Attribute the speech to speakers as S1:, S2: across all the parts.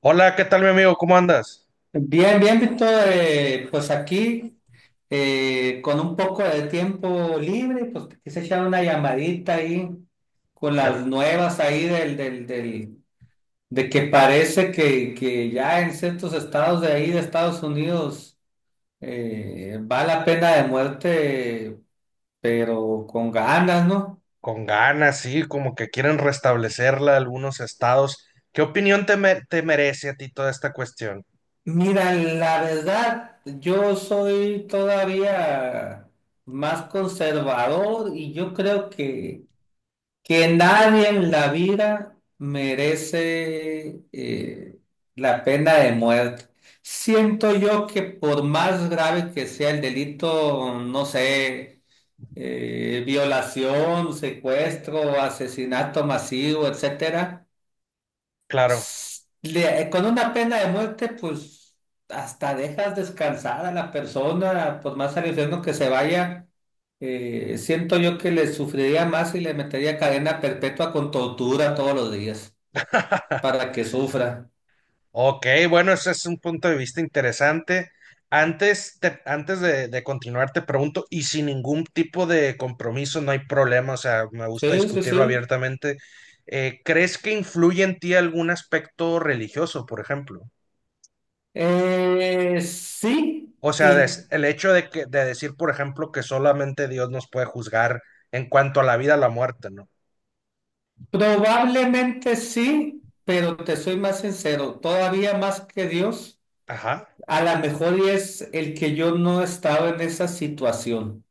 S1: Hola, ¿qué tal, mi amigo? ¿Cómo andas?
S2: Bien, bien, Víctor, pues aquí con un poco de tiempo libre, pues te quise echar una llamadita ahí con
S1: Pero
S2: las nuevas ahí de que parece que ya en ciertos estados de ahí de Estados Unidos va la pena de muerte, pero con ganas, ¿no?
S1: con ganas, sí, como que quieren restablecerla algunos estados. ¿Qué opinión te merece a ti toda esta cuestión?
S2: Mira, la verdad, yo soy todavía más conservador y yo creo que nadie en la vida merece la pena de muerte. Siento yo que por más grave que sea el delito, no sé, violación, secuestro, asesinato masivo, etcétera,
S1: Claro.
S2: con una pena de muerte, pues hasta dejas descansar a la persona, por más al infierno que se vaya. Siento yo que le sufriría más y le metería cadena perpetua con tortura todos los días para que sufra.
S1: Ok, bueno, ese es un punto de vista interesante. Antes, antes de continuar, te pregunto, y sin ningún tipo de compromiso, no hay problema, o sea, me gusta
S2: Sí, sí,
S1: discutirlo
S2: sí.
S1: abiertamente. ¿Crees que influye en ti algún aspecto religioso, por ejemplo?
S2: Sí,
S1: O sea,
S2: y
S1: el hecho de que de decir, por ejemplo, que solamente Dios nos puede juzgar en cuanto a la vida o la muerte, ¿no?
S2: probablemente sí, pero te soy más sincero, todavía más que Dios,
S1: Ajá.
S2: a lo mejor y es el que yo no estaba en esa situación.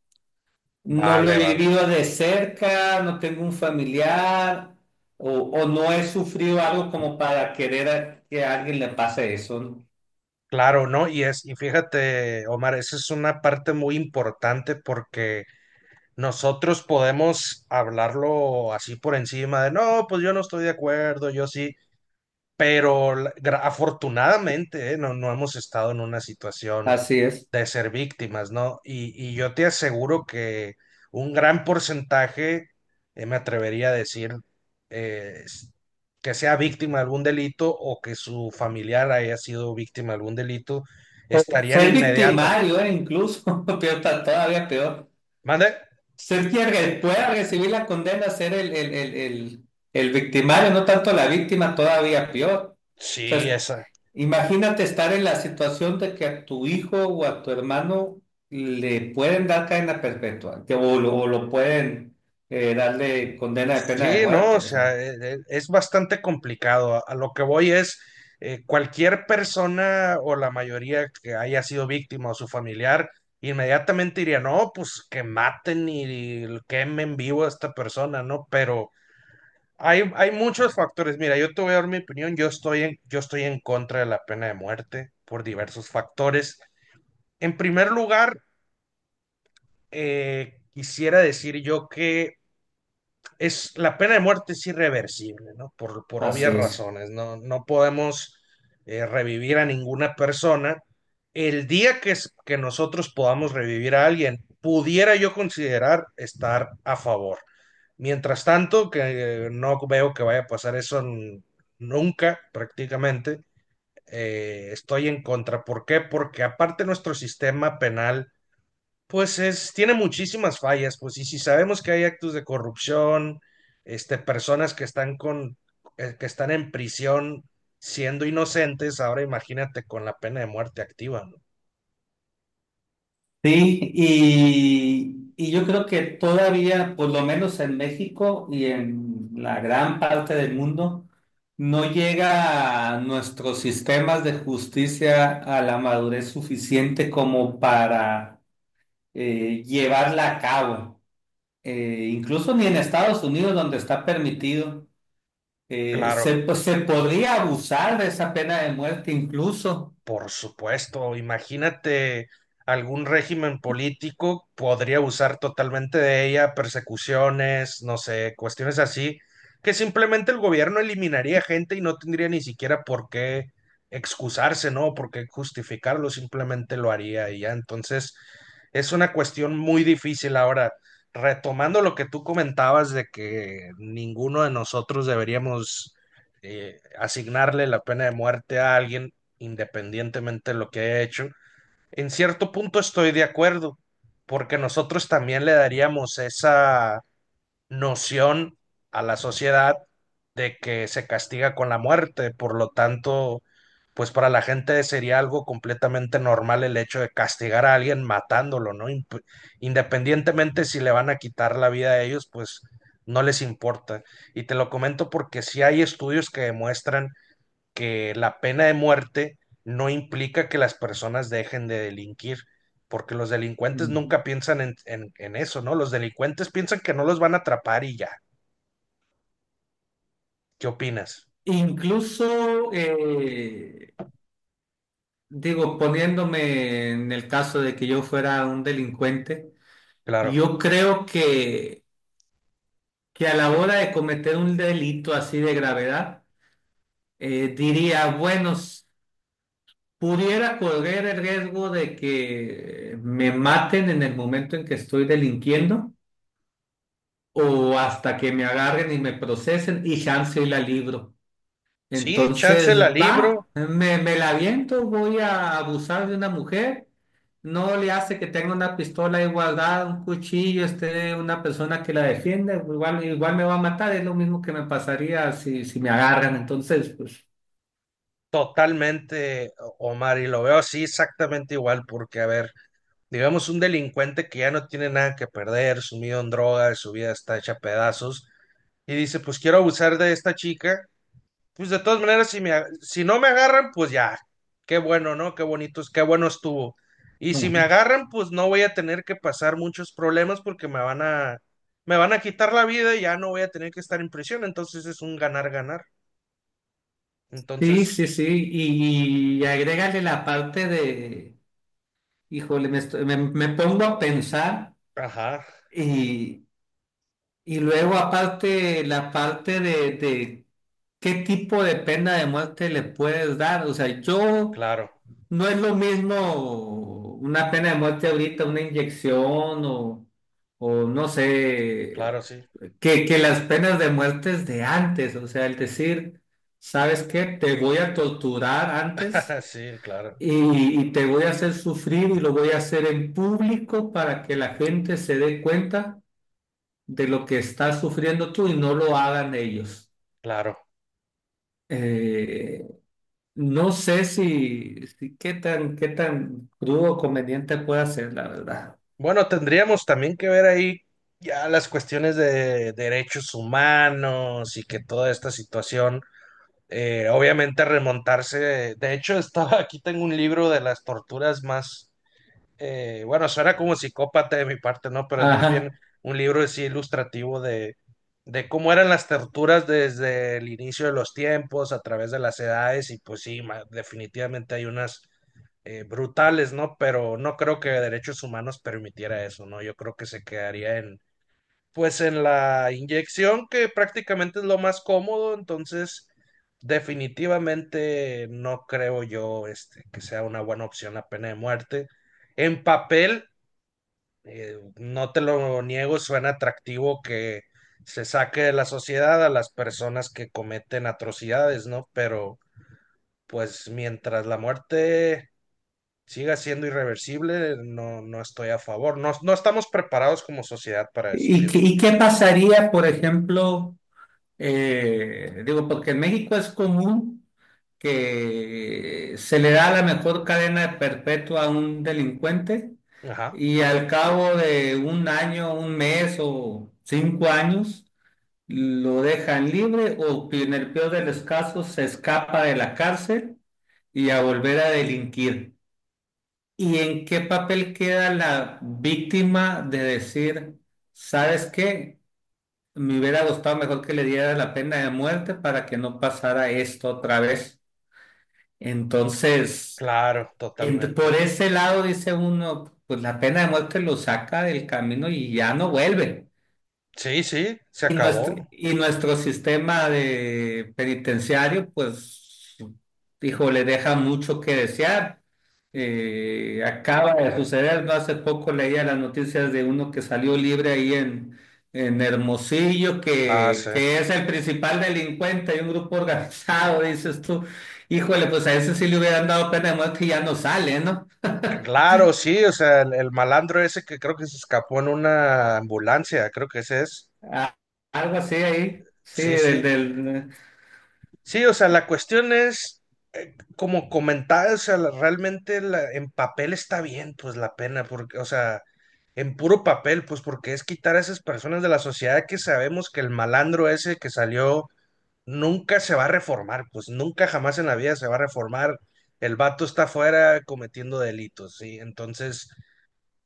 S2: No lo he
S1: Vale, vale.
S2: vivido de cerca, no tengo un familiar o, no he sufrido algo como para querer que a alguien le pase eso, ¿no?
S1: Claro, ¿no? Y es, y fíjate, Omar, esa es una parte muy importante porque nosotros podemos hablarlo así por encima de, no, pues yo no estoy de acuerdo, yo sí, pero afortunadamente, no, no hemos estado en una situación
S2: Así es.
S1: de ser víctimas, ¿no? Y yo te aseguro que un gran porcentaje, me atrevería a decir, eh, s- que sea víctima de algún delito o que su familiar haya sido víctima de algún delito,
S2: O
S1: estarían
S2: ser
S1: inmediata.
S2: victimario, incluso, peor, está todavía peor.
S1: ¿Mande?
S2: Ser quien pueda recibir la condena, ser el victimario, no tanto la víctima, todavía peor.
S1: Sí, esa,
S2: Imagínate estar en la situación de que a tu hijo o a tu hermano le pueden dar cadena perpetua, o lo pueden darle condena de pena de
S1: sí, no, o
S2: muerte. O sea,
S1: sea, es bastante complicado. A lo que voy es, cualquier persona o la mayoría que haya sido víctima o su familiar, inmediatamente diría, no, pues que maten y quemen vivo a esta persona, ¿no? Pero hay muchos factores. Mira, yo te voy a dar mi opinión. Yo estoy en contra de la pena de muerte por diversos factores. En primer lugar, quisiera decir yo que es la pena de muerte es irreversible, ¿no? Por obvias
S2: así es.
S1: razones, ¿no? No podemos revivir a ninguna persona. El día que nosotros podamos revivir a alguien, pudiera yo considerar estar a favor. Mientras tanto, que no veo que vaya a pasar eso nunca, prácticamente, estoy en contra. ¿Por qué? Porque aparte nuestro sistema penal pues es, tiene muchísimas fallas, pues, y si sabemos que hay actos de corrupción, este, personas que están con, que están en prisión siendo inocentes, ahora imagínate con la pena de muerte activa, ¿no?
S2: Sí, y yo creo que todavía, por lo menos en México y en la gran parte del mundo, no llega a nuestros sistemas de justicia a la madurez suficiente como para llevarla a cabo. Incluso ni en Estados Unidos, donde está permitido,
S1: Claro.
S2: pues, se podría abusar de esa pena de muerte incluso.
S1: Por supuesto, imagínate algún régimen político podría usar totalmente de ella, persecuciones, no sé, cuestiones así, que simplemente el gobierno eliminaría gente y no tendría ni siquiera por qué excusarse, ¿no? Por qué justificarlo, simplemente lo haría y ya. Entonces, es una cuestión muy difícil ahora. Retomando lo que tú comentabas de que ninguno de nosotros deberíamos asignarle la pena de muerte a alguien, independientemente de lo que haya hecho. En cierto punto estoy de acuerdo, porque nosotros también le daríamos esa noción a la sociedad de que se castiga con la muerte, por lo tanto, pues para la gente sería algo completamente normal el hecho de castigar a alguien matándolo, ¿no? Independientemente si le van a quitar la vida a ellos, pues no les importa. Y te lo comento porque sí hay estudios que demuestran que la pena de muerte no implica que las personas dejen de delinquir, porque los delincuentes
S2: Ujú.
S1: nunca piensan en eso, ¿no? Los delincuentes piensan que no los van a atrapar y ya. ¿Qué opinas?
S2: Incluso... digo, poniéndome en el caso de que yo fuera un delincuente,
S1: Claro.
S2: yo creo que a la hora de cometer un delito así de gravedad, diría, pudiera correr el riesgo de que me maten en el momento en que estoy delinquiendo o hasta que me agarren y me procesen y chance y la libro.
S1: Sí, chance la
S2: Entonces, va,
S1: libro
S2: me la aviento, voy a abusar de una mujer. No le hace que tenga una pistola ahí guardada, un cuchillo, esté una persona que la defienda. Igual, igual me va a matar, es lo mismo que me pasaría si me agarran. Entonces, pues.
S1: totalmente, Omar, y lo veo así exactamente igual, porque, a ver, digamos, un delincuente que ya no tiene nada que perder, sumido en drogas, su vida está hecha a pedazos, y dice, pues quiero abusar de esta chica. Pues de todas maneras, si no me agarran, pues ya, qué bueno, ¿no? Qué bonito, qué bueno estuvo. Y si me
S2: Ujú.
S1: agarran, pues no voy a tener que pasar muchos problemas porque me van a quitar la vida y ya no voy a tener que estar en prisión. Entonces es un ganar, ganar.
S2: Sí,
S1: Entonces,
S2: sí, sí, y agrégale la parte de, híjole, me pongo a pensar
S1: ajá,
S2: y Y luego aparte la parte de qué tipo de pena de muerte le puedes dar. O sea, yo
S1: claro,
S2: no es lo mismo una pena de muerte ahorita, una inyección o no sé,
S1: claro, sí.
S2: que las penas de muerte de antes. O sea, el decir, ¿sabes qué? Te voy a torturar antes
S1: Sí, claro,
S2: y te voy a hacer sufrir y lo voy a hacer en público para que la gente se dé cuenta de lo que estás sufriendo tú y no lo hagan ellos.
S1: claro.
S2: Eh, no sé si qué tan crudo o conveniente puede ser, la verdad.
S1: Bueno, tendríamos también que ver ahí ya las cuestiones de derechos humanos y que toda esta situación obviamente remontarse. De hecho, estaba aquí tengo un libro de las torturas más, bueno, suena como psicópata de mi parte, ¿no? Pero es más bien
S2: Ajá.
S1: un libro así ilustrativo de cómo eran las torturas desde el inicio de los tiempos, a través de las edades, y pues sí, definitivamente hay unas brutales, ¿no? Pero no creo que derechos humanos permitiera eso, ¿no? Yo creo que se quedaría en pues en la inyección, que prácticamente es lo más cómodo, entonces definitivamente no creo yo este, que sea una buena opción la pena de muerte. En papel, no te lo niego, suena atractivo que se saque de la sociedad a las personas que cometen atrocidades, ¿no? Pero pues mientras la muerte siga siendo irreversible, no, no estoy a favor. No, no estamos preparados como sociedad para eso,
S2: ¿
S1: pienso.
S2: Y qué pasaría, por ejemplo, digo, porque en México es común que se le da la mejor cadena perpetua a un delincuente
S1: Ajá.
S2: y al cabo de un año, un mes o 5 años, lo dejan libre o que en el peor de los casos se escapa de la cárcel y a volver a delinquir. ¿Y en qué papel queda la víctima de decir, ¿sabes qué? Me hubiera gustado mejor que le diera la pena de muerte para que no pasara esto otra vez. Entonces,
S1: Claro, totalmente.
S2: por ese lado dice uno, pues la pena de muerte lo saca del camino y ya no vuelve.
S1: Sí, sí, se
S2: Y nuestro,
S1: acabó.
S2: y nuestro sistema de penitenciario, pues, dijo, le deja mucho que desear. Acaba de suceder, no hace poco leía las noticias de uno que salió libre ahí en Hermosillo,
S1: Ah,
S2: que,
S1: sí.
S2: que es el principal delincuente de un grupo organizado, dices tú. Híjole, pues a ese sí le hubieran dado pena de muerte y ya no sale, ¿no?
S1: Claro, sí, o sea, el malandro ese que creo que se escapó en una ambulancia, creo que ese es.
S2: A- Algo así ahí, sí,
S1: Sí,
S2: del,
S1: sí.
S2: del...
S1: Sí, o sea, la cuestión es, como comentaba, o sea, realmente en papel está bien, pues la pena, porque, o sea, en puro papel, pues porque es quitar a esas personas de la sociedad que sabemos que el malandro ese que salió nunca se va a reformar, pues nunca jamás en la vida se va a reformar. El vato está afuera cometiendo delitos, ¿sí? Entonces,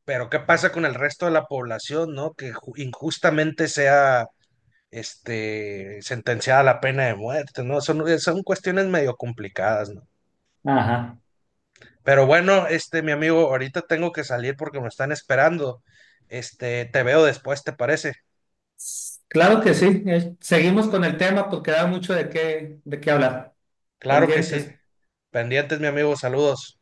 S1: pero ¿qué pasa con el resto de la población, ¿no? Que injustamente sea, este, sentenciada a la pena de muerte, ¿no? Son, son cuestiones medio complicadas, ¿no?
S2: Ajá.
S1: Pero bueno, este, mi amigo, ahorita tengo que salir porque me están esperando. Este, te veo después, ¿te parece?
S2: Claro que sí. Seguimos con el tema porque da mucho de qué hablar.
S1: Claro que sí.
S2: Pendientes.
S1: Pendientes, mi amigo, saludos.